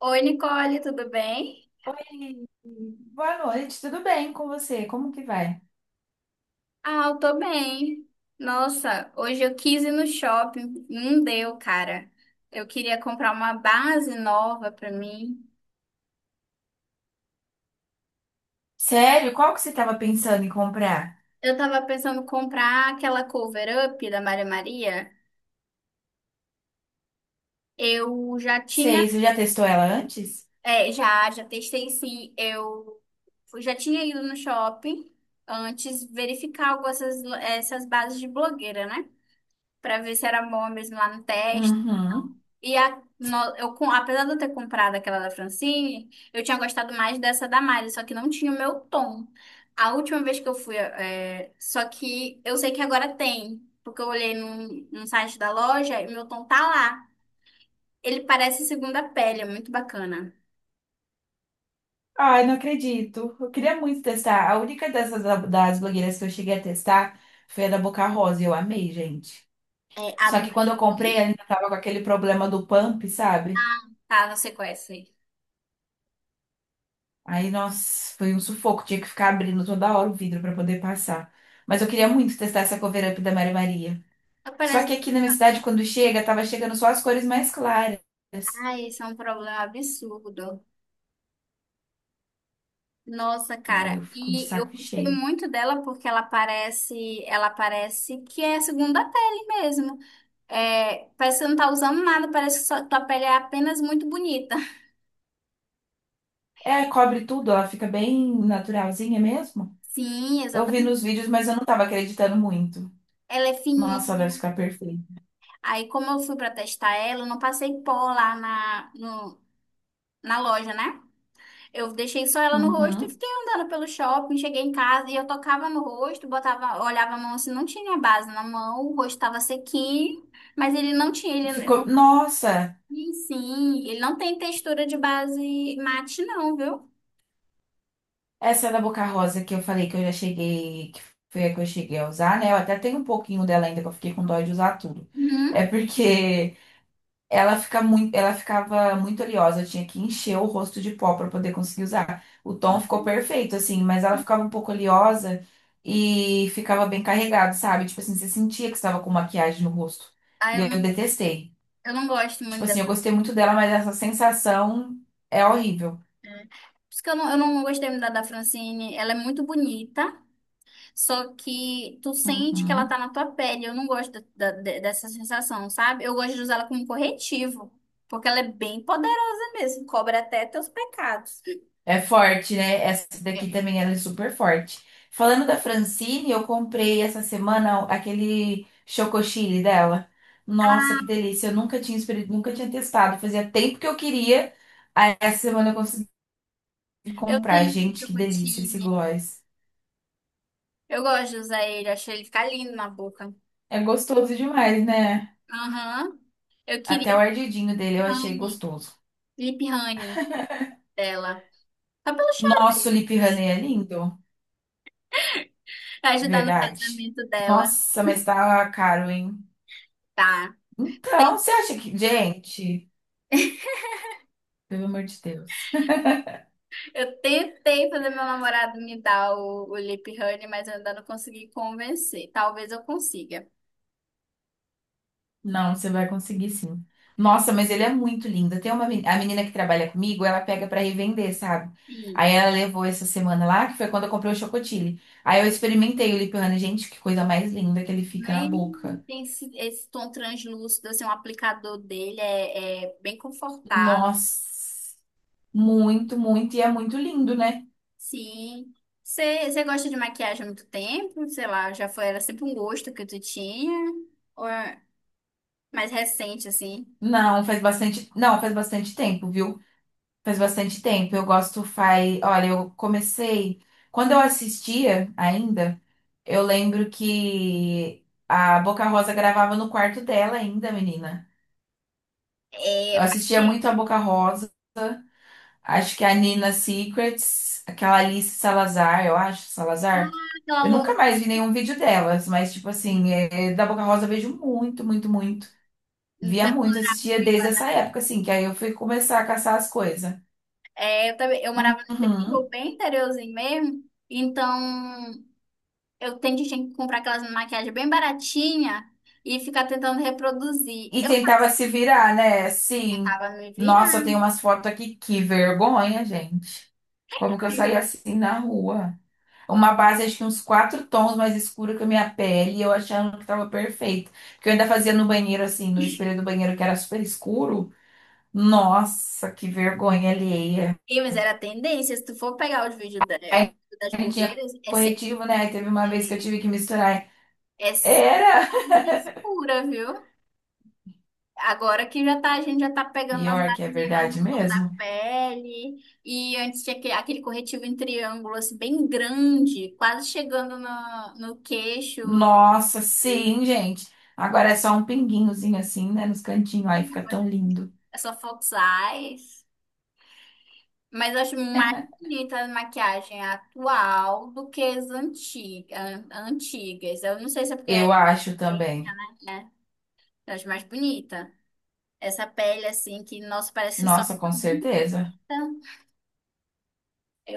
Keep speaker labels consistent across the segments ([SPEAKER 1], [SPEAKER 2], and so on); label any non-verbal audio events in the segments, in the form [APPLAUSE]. [SPEAKER 1] Oi, Nicole, tudo bem?
[SPEAKER 2] Oi, boa noite, tudo bem com você? Como que vai?
[SPEAKER 1] Ah, eu tô bem. Nossa, hoje eu quis ir no shopping, não deu, cara. Eu queria comprar uma base nova pra mim.
[SPEAKER 2] Sério, qual que você estava pensando em comprar?
[SPEAKER 1] Eu tava pensando em comprar aquela cover up da Maria Maria. Eu já
[SPEAKER 2] Sei,
[SPEAKER 1] tinha,
[SPEAKER 2] você já testou ela antes?
[SPEAKER 1] é, já testei sim. Eu já tinha ido no shopping antes verificar essas bases de blogueira, né? Pra ver se era bom mesmo lá no teste.
[SPEAKER 2] Uhum.
[SPEAKER 1] E a, no- eu, com- Apesar de eu ter comprado aquela da Francine, eu tinha gostado mais dessa da Mari, só que não tinha o meu tom. A última vez que eu fui, é, Só que eu sei que agora tem, porque eu olhei num site da loja e meu tom tá lá. Ele parece segunda pele, é muito bacana.
[SPEAKER 2] Ai, não acredito. Eu queria muito testar. A única das blogueiras que eu cheguei a testar foi a da Boca Rosa e eu amei, gente.
[SPEAKER 1] É, a
[SPEAKER 2] Só
[SPEAKER 1] do
[SPEAKER 2] que quando eu comprei, ela ainda tava com aquele problema do pump, sabe?
[SPEAKER 1] tá, não sei qual é essa aí.
[SPEAKER 2] Aí, nossa, foi um sufoco. Tinha que ficar abrindo toda hora o vidro para poder passar. Mas eu queria muito testar essa cover up da Mary Maria. Só que
[SPEAKER 1] Parece...
[SPEAKER 2] aqui na minha cidade, quando chega, tava chegando só as cores mais claras.
[SPEAKER 1] Ai, isso é um problema absurdo. Nossa,
[SPEAKER 2] Ai, eu
[SPEAKER 1] cara,
[SPEAKER 2] fico de
[SPEAKER 1] e eu
[SPEAKER 2] saco
[SPEAKER 1] gostei
[SPEAKER 2] cheio.
[SPEAKER 1] muito dela porque ela parece que é segunda pele mesmo. É, parece que você não tá usando nada, parece que tua pele é apenas muito bonita.
[SPEAKER 2] É, cobre tudo, ela fica bem naturalzinha mesmo.
[SPEAKER 1] Sim,
[SPEAKER 2] Eu vi nos
[SPEAKER 1] exatamente.
[SPEAKER 2] vídeos, mas eu não tava acreditando muito.
[SPEAKER 1] Ela é
[SPEAKER 2] Nossa, ela deve
[SPEAKER 1] fininha.
[SPEAKER 2] ficar perfeita.
[SPEAKER 1] Aí, como eu fui pra testar ela, eu não passei pó lá na, no- na loja, né? Eu deixei só ela no rosto e
[SPEAKER 2] Uhum.
[SPEAKER 1] fiquei andando pelo shopping. Cheguei em casa e eu tocava no rosto, botava, olhava a mão assim, não tinha base na mão, o rosto tava sequinho, mas ele não tinha, ele
[SPEAKER 2] Ficou.
[SPEAKER 1] não,
[SPEAKER 2] Nossa,
[SPEAKER 1] sim, ele não tem textura de base mate, não, viu?
[SPEAKER 2] essa da Boca Rosa que eu falei que eu já cheguei, que foi a que eu cheguei a usar, né? Eu até tenho um pouquinho dela ainda, que eu fiquei com dó de usar tudo.
[SPEAKER 1] Uhum.
[SPEAKER 2] É porque ela fica muito, ela ficava muito oleosa, eu tinha que encher o rosto de pó para poder conseguir usar. O tom ficou perfeito, assim, mas ela ficava um pouco oleosa e ficava bem carregado, sabe? Tipo assim, você sentia que estava com maquiagem no rosto.
[SPEAKER 1] Ah,
[SPEAKER 2] E
[SPEAKER 1] eu
[SPEAKER 2] eu
[SPEAKER 1] não,
[SPEAKER 2] detestei.
[SPEAKER 1] eu não gosto
[SPEAKER 2] Tipo
[SPEAKER 1] muito.
[SPEAKER 2] assim, eu gostei muito dela, mas essa sensação é horrível.
[SPEAKER 1] É. Por isso que eu não gostei muito da Francine. Ela é muito bonita, só que tu sente que ela tá
[SPEAKER 2] Uhum.
[SPEAKER 1] na tua pele. Eu não gosto dessa sensação, sabe? Eu gosto de usar ela como corretivo, porque ela é bem poderosa mesmo, cobra até teus pecados.
[SPEAKER 2] É forte, né? Essa daqui
[SPEAKER 1] É.
[SPEAKER 2] também ela é super forte. Falando da Francine, eu comprei essa semana aquele chocosile dela. Nossa, que
[SPEAKER 1] Ah,
[SPEAKER 2] delícia! Eu nunca tinha testado. Fazia tempo que eu queria. Aí essa semana eu consegui
[SPEAKER 1] eu
[SPEAKER 2] comprar.
[SPEAKER 1] tenho
[SPEAKER 2] Gente, que delícia esse
[SPEAKER 1] chocotine.
[SPEAKER 2] gloss.
[SPEAKER 1] Eu gosto de usar ele, achei ele ficar lindo na boca.
[SPEAKER 2] É gostoso demais, né?
[SPEAKER 1] Aham. Eu queria
[SPEAKER 2] Até o ardidinho dele eu achei
[SPEAKER 1] honey,
[SPEAKER 2] gostoso.
[SPEAKER 1] lip honey dela. Só pelo chá
[SPEAKER 2] Nossa, o
[SPEAKER 1] mesmo,
[SPEAKER 2] Lip Honey é lindo,
[SPEAKER 1] pra ajudar no
[SPEAKER 2] verdade.
[SPEAKER 1] casamento dela.
[SPEAKER 2] Nossa, mas tá caro, hein?
[SPEAKER 1] Tá.
[SPEAKER 2] Então, você acha que, gente, pelo amor de Deus.
[SPEAKER 1] Eu tentei fazer meu namorado me dar o lip honey, mas eu ainda não consegui convencer. Talvez eu consiga.
[SPEAKER 2] Não, você vai conseguir sim. Nossa, mas ele é muito lindo. Tem a menina que trabalha comigo, ela pega pra revender, sabe?
[SPEAKER 1] E
[SPEAKER 2] Aí ela levou essa semana lá, que foi quando eu comprei o chocotile. Aí eu experimentei o lip honey. Gente, que coisa mais linda que ele fica na
[SPEAKER 1] nem
[SPEAKER 2] boca.
[SPEAKER 1] tem esse tom translúcido, assim, o aplicador dele é bem confortável.
[SPEAKER 2] Nossa, muito, muito. E é muito lindo, né?
[SPEAKER 1] Sim. Você gosta de maquiagem há muito tempo? Sei lá, já foi, era sempre um gosto que tu tinha? Ou é mais recente, assim?
[SPEAKER 2] Não, faz bastante. Não, faz bastante tempo, viu? Faz bastante tempo. Eu gosto, faz. Olha, eu comecei. Quando eu assistia ainda, eu lembro que a Boca Rosa gravava no quarto dela ainda, menina.
[SPEAKER 1] É,
[SPEAKER 2] Eu
[SPEAKER 1] faz
[SPEAKER 2] assistia muito a
[SPEAKER 1] tempo
[SPEAKER 2] Boca Rosa. Acho que a Nina Secrets, aquela Alice Salazar, eu acho, Salazar.
[SPEAKER 1] aquela
[SPEAKER 2] Eu
[SPEAKER 1] loira.
[SPEAKER 2] nunca mais vi nenhum vídeo delas, mas, tipo assim, da Boca Rosa eu vejo muito, muito, muito. Via muito,
[SPEAKER 1] Depois
[SPEAKER 2] assistia desde essa época, assim, que aí eu fui começar a caçar as coisas.
[SPEAKER 1] é, eu também, eu morava no interior,
[SPEAKER 2] Uhum.
[SPEAKER 1] bem interiorzinho mesmo, então eu tento tinha que comprar aquelas maquiagens bem baratinha e ficar tentando reproduzir.
[SPEAKER 2] E
[SPEAKER 1] Eu
[SPEAKER 2] tentava
[SPEAKER 1] fazia
[SPEAKER 2] se virar, né?
[SPEAKER 1] e
[SPEAKER 2] Sim.
[SPEAKER 1] tentava me virar.
[SPEAKER 2] Nossa, tem umas fotos aqui, que vergonha, gente. Como que eu saí assim na rua? Uma base, acho que uns quatro tons mais escura que a minha pele, e eu achando que tava perfeito. Porque eu ainda fazia no banheiro, assim, no espelho do banheiro, que era super escuro. Nossa, que vergonha alheia.
[SPEAKER 1] E, mas era tendência, se tu for pegar os vídeos dela,
[SPEAKER 2] Aí
[SPEAKER 1] das
[SPEAKER 2] não tinha
[SPEAKER 1] blogueiras, é sempre,
[SPEAKER 2] corretivo, né? Aí teve uma vez que eu
[SPEAKER 1] é
[SPEAKER 2] tive que misturar.
[SPEAKER 1] é sempre
[SPEAKER 2] Era!
[SPEAKER 1] quase escura, viu? Agora que já tá, a gente já tá
[SPEAKER 2] [LAUGHS]
[SPEAKER 1] pegando umas
[SPEAKER 2] Pior que é
[SPEAKER 1] basezinhas mais
[SPEAKER 2] verdade
[SPEAKER 1] no tom da
[SPEAKER 2] mesmo.
[SPEAKER 1] pele. E antes tinha aquele corretivo em triângulo, assim, bem grande, quase chegando no queixo.
[SPEAKER 2] Nossa, sim, gente. Agora é só um pinguinhozinho assim, né, nos cantinhos, aí fica tão lindo.
[SPEAKER 1] É só Fox Eyes. Mas eu acho mais bonita a maquiagem atual do que as antigas. Eu não sei se é porque é
[SPEAKER 2] Eu acho
[SPEAKER 1] tendência,
[SPEAKER 2] também.
[SPEAKER 1] né? É. Eu acho mais bonita. Essa pele, assim, que, nossa, parece que só
[SPEAKER 2] Nossa,
[SPEAKER 1] fica
[SPEAKER 2] com certeza.
[SPEAKER 1] bonita.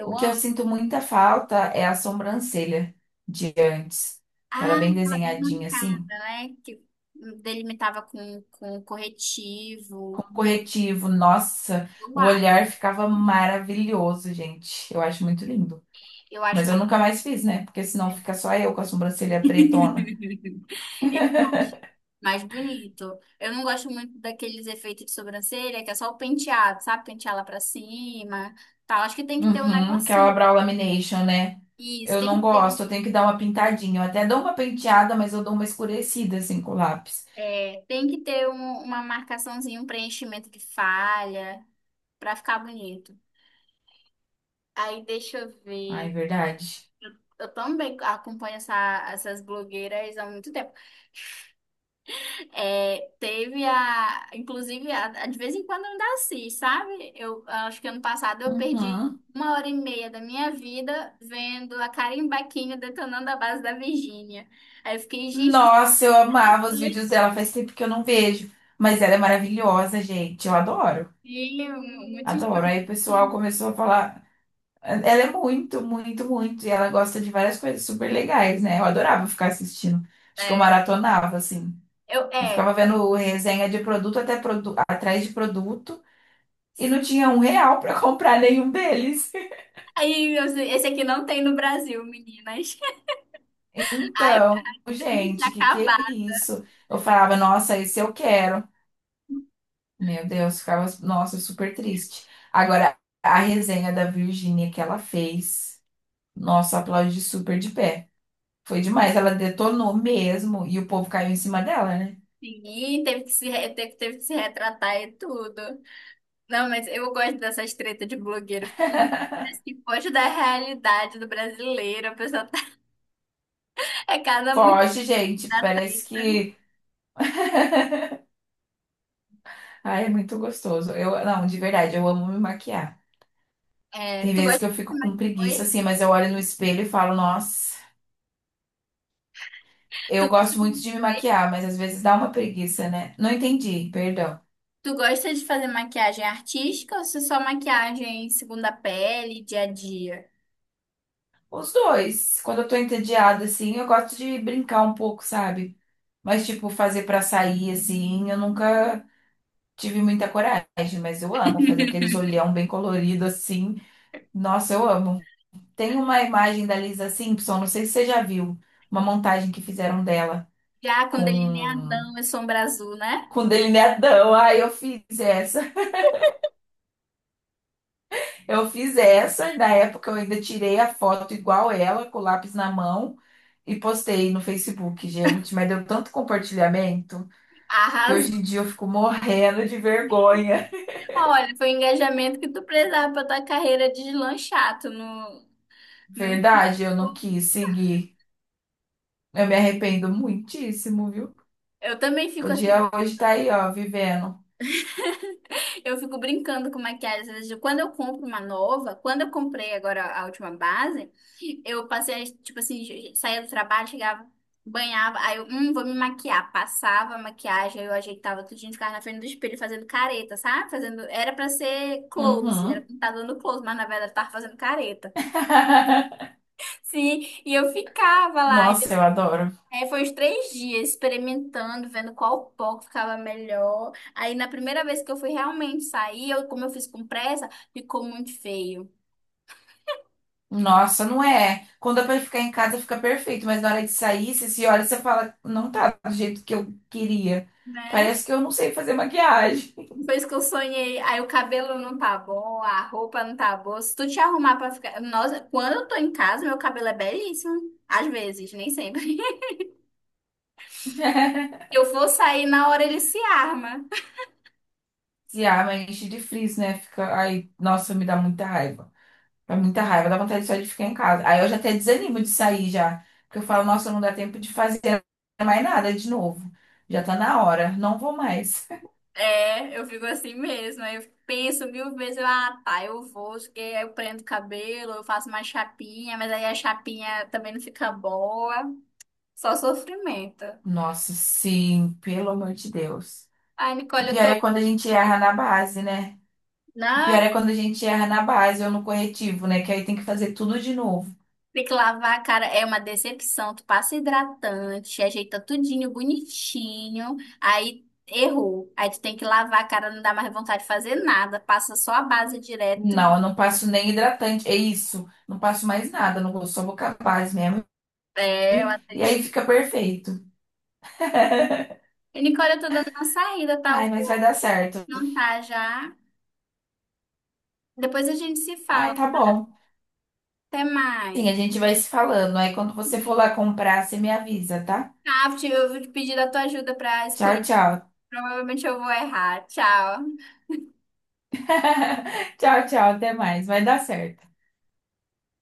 [SPEAKER 2] O que eu
[SPEAKER 1] amo.
[SPEAKER 2] sinto muita falta é a sobrancelha de antes, que
[SPEAKER 1] Ah,
[SPEAKER 2] ela é bem
[SPEAKER 1] tá bem
[SPEAKER 2] desenhadinha assim,
[SPEAKER 1] marcada, né? Que delimitava com
[SPEAKER 2] com
[SPEAKER 1] corretivo.
[SPEAKER 2] corretivo. Nossa,
[SPEAKER 1] Eu
[SPEAKER 2] o
[SPEAKER 1] acho.
[SPEAKER 2] olhar ficava maravilhoso, gente. Eu acho muito lindo.
[SPEAKER 1] Eu acho
[SPEAKER 2] Mas eu
[SPEAKER 1] mais,
[SPEAKER 2] nunca mais fiz, né? Porque senão fica só eu com a sobrancelha pretona.
[SPEAKER 1] [LAUGHS] é mais bonito. Eu não gosto muito daqueles efeitos de sobrancelha, que é só o penteado, sabe? Pentear lá pra cima, tal. Acho que tem que ter um
[SPEAKER 2] Uhum, aquela
[SPEAKER 1] negocinho.
[SPEAKER 2] brow lamination, né?
[SPEAKER 1] Isso,
[SPEAKER 2] Eu
[SPEAKER 1] tem
[SPEAKER 2] não
[SPEAKER 1] que ter, um-
[SPEAKER 2] gosto, eu tenho que dar uma pintadinha. Eu até dou uma penteada, mas eu dou uma escurecida assim com o lápis.
[SPEAKER 1] tem que ter uma marcaçãozinha, um preenchimento de falha, pra ficar bonito. Aí deixa eu
[SPEAKER 2] Ai,
[SPEAKER 1] ver.
[SPEAKER 2] verdade.
[SPEAKER 1] Eu também acompanho essas blogueiras há muito tempo. É, teve a, inclusive, de vez em quando eu ainda assisto, sabe? Eu acho que ano passado eu perdi
[SPEAKER 2] Uhum.
[SPEAKER 1] 1h30 da minha vida vendo a Karen Baquinho detonando a base da Virgínia. Aí eu fiquei, gente, isso
[SPEAKER 2] Nossa, eu amava os vídeos dela, faz tempo que eu não vejo. Mas ela é maravilhosa, gente. Eu adoro,
[SPEAKER 1] é antigo, muito
[SPEAKER 2] adoro. Aí o pessoal
[SPEAKER 1] instrumento.
[SPEAKER 2] começou a falar. Ela é muito, muito, muito. E ela gosta de várias coisas super legais, né? Eu adorava ficar assistindo. Acho que eu
[SPEAKER 1] É,
[SPEAKER 2] maratonava, assim. Eu
[SPEAKER 1] é.
[SPEAKER 2] ficava vendo resenha de produto atrás de produto e não tinha um real pra [LAUGHS] comprar nenhum deles.
[SPEAKER 1] Aí, esse aqui não tem no Brasil, meninas. [LAUGHS] Aí eu
[SPEAKER 2] Então,
[SPEAKER 1] fiquei triste,
[SPEAKER 2] gente, que é
[SPEAKER 1] acabar.
[SPEAKER 2] isso? Eu falava, nossa, esse eu quero. Meu Deus, ficava, nossa, super triste. Agora, a resenha da Virgínia que ela fez, nossa, aplaudi super de pé. Foi demais, ela detonou mesmo e o povo caiu em cima dela, né?
[SPEAKER 1] Sim, teve que se, re- teve, teve que se retratar e tudo. Não, mas eu gosto dessas tretas de blogueiro, porque parece que foge da realidade do brasileiro. A pessoa tá... [LAUGHS] é cada muito
[SPEAKER 2] Foge, gente,
[SPEAKER 1] da
[SPEAKER 2] parece
[SPEAKER 1] treta.
[SPEAKER 2] que. Ai, é muito gostoso. Eu, não, de verdade, eu amo me maquiar.
[SPEAKER 1] É,
[SPEAKER 2] Tem
[SPEAKER 1] tu
[SPEAKER 2] vezes
[SPEAKER 1] gosta
[SPEAKER 2] que eu
[SPEAKER 1] de
[SPEAKER 2] fico
[SPEAKER 1] fazer
[SPEAKER 2] com
[SPEAKER 1] maquiagem?
[SPEAKER 2] preguiça
[SPEAKER 1] Oi?
[SPEAKER 2] assim, mas eu olho no espelho e falo, nossa.
[SPEAKER 1] Tu
[SPEAKER 2] Eu
[SPEAKER 1] gosta
[SPEAKER 2] gosto muito
[SPEAKER 1] de...
[SPEAKER 2] de me
[SPEAKER 1] Oi?
[SPEAKER 2] maquiar, mas às vezes dá uma preguiça, né? Não entendi, perdão.
[SPEAKER 1] Tu gosta de fazer maquiagem artística ou se só maquiagem segunda pele, dia a dia?
[SPEAKER 2] Os dois. Quando eu tô entediada, assim, eu gosto de brincar um pouco, sabe? Mas, tipo, fazer pra sair, assim, eu nunca tive muita coragem, mas eu amo fazer aqueles
[SPEAKER 1] [LAUGHS]
[SPEAKER 2] olhão bem colorido, assim. Nossa, eu amo. Tem uma imagem da Lisa Simpson, não sei se você já viu, uma montagem que fizeram dela
[SPEAKER 1] Já com
[SPEAKER 2] com,
[SPEAKER 1] delineadão e sombra azul, né?
[SPEAKER 2] com delineadão. Ai, eu fiz essa. Eu fiz essa, e na época eu ainda tirei a foto igual ela, com o lápis na mão, e postei no Facebook, gente. Mas deu tanto compartilhamento que hoje em
[SPEAKER 1] Arrasou.
[SPEAKER 2] dia eu fico morrendo de vergonha.
[SPEAKER 1] Olha, foi o engajamento que tu precisava pra tua carreira deslanchar. Tu não, não...
[SPEAKER 2] Verdade, eu não quis seguir. Eu me arrependo muitíssimo, viu?
[SPEAKER 1] Eu também fico assim.
[SPEAKER 2] Podia hoje estar aí, ó, vivendo.
[SPEAKER 1] Eu fico brincando com maquiagem. Às vezes, quando eu compro uma nova, quando eu comprei agora a última base, eu passei, tipo assim, saía do trabalho, chegava, banhava, vou me maquiar. Passava a maquiagem, aí eu ajeitava tudinho, ficava na frente do espelho fazendo careta, sabe? Fazendo, era pra ser close, era
[SPEAKER 2] Uhum.
[SPEAKER 1] pra estar dando close, mas na verdade eu tava fazendo careta.
[SPEAKER 2] [LAUGHS]
[SPEAKER 1] Sim, e eu ficava lá.
[SPEAKER 2] Nossa, eu adoro.
[SPEAKER 1] Foi uns três dias experimentando, vendo qual pó que ficava melhor. Aí na primeira vez que eu fui realmente sair, eu, como eu fiz com pressa, ficou muito feio,
[SPEAKER 2] Nossa, não é. Quando é pra ficar em casa, fica perfeito, mas na hora de sair, você se olha e você fala, não tá do jeito que eu queria.
[SPEAKER 1] né?
[SPEAKER 2] Parece que eu não sei fazer maquiagem.
[SPEAKER 1] Depois que eu sonhei, aí o cabelo não tá bom, a roupa não tá boa. Se tu te arrumar pra ficar. Nossa, quando eu tô em casa, meu cabelo é belíssimo. Às vezes, nem sempre. [LAUGHS]
[SPEAKER 2] [LAUGHS]
[SPEAKER 1] Eu vou sair, na hora ele se arma.
[SPEAKER 2] Se arma, enche de frizz, né? Fica. Ai, nossa, me dá muita raiva. Dá muita raiva, dá vontade só de ficar em casa. Aí eu já até desanimo de sair já. Porque eu falo, nossa, não dá tempo de fazer mais nada de novo. Já tá na hora, não vou mais.
[SPEAKER 1] É, eu fico assim mesmo. Aí eu penso mil vezes, eu, ah, tá, eu vou, porque eu prendo o cabelo, eu faço uma chapinha, mas aí a chapinha também não fica boa. Só sofrimento.
[SPEAKER 2] [LAUGHS] Nossa, sim, pelo amor de Deus.
[SPEAKER 1] Ai,
[SPEAKER 2] O
[SPEAKER 1] Nicole, eu
[SPEAKER 2] pior
[SPEAKER 1] tô.
[SPEAKER 2] é quando a gente erra na base, né? O pior
[SPEAKER 1] Ai,
[SPEAKER 2] é quando a gente erra na base ou no corretivo, né? Que aí tem que fazer tudo de novo.
[SPEAKER 1] tem que lavar a cara, é uma decepção. Tu passa hidratante, ajeita tudinho, bonitinho, aí errou. Aí tu tem que lavar a cara, não dá mais vontade de fazer nada, passa só a base direto
[SPEAKER 2] Não,
[SPEAKER 1] e
[SPEAKER 2] eu não passo nem hidratante. É isso. Não passo mais nada. Não vou, só vou com a base mesmo.
[SPEAKER 1] é uma
[SPEAKER 2] E aí
[SPEAKER 1] tristeza.
[SPEAKER 2] fica perfeito. [LAUGHS]
[SPEAKER 1] E, Nicole, eu tô dando uma saída, tá?
[SPEAKER 2] Ai,
[SPEAKER 1] Eu
[SPEAKER 2] mas vai
[SPEAKER 1] vou
[SPEAKER 2] dar certo.
[SPEAKER 1] jantar já. Depois a gente se
[SPEAKER 2] Ai,
[SPEAKER 1] fala.
[SPEAKER 2] tá bom.
[SPEAKER 1] Até mais.
[SPEAKER 2] Sim, a gente vai se falando. Aí quando você for lá comprar, você me avisa, tá?
[SPEAKER 1] Tá, eu vou te pedir a tua ajuda para
[SPEAKER 2] Tchau,
[SPEAKER 1] escolher.
[SPEAKER 2] tchau.
[SPEAKER 1] Provavelmente eu vou errar. Tchau.
[SPEAKER 2] [LAUGHS] Tchau, tchau. Até mais. Vai dar certo.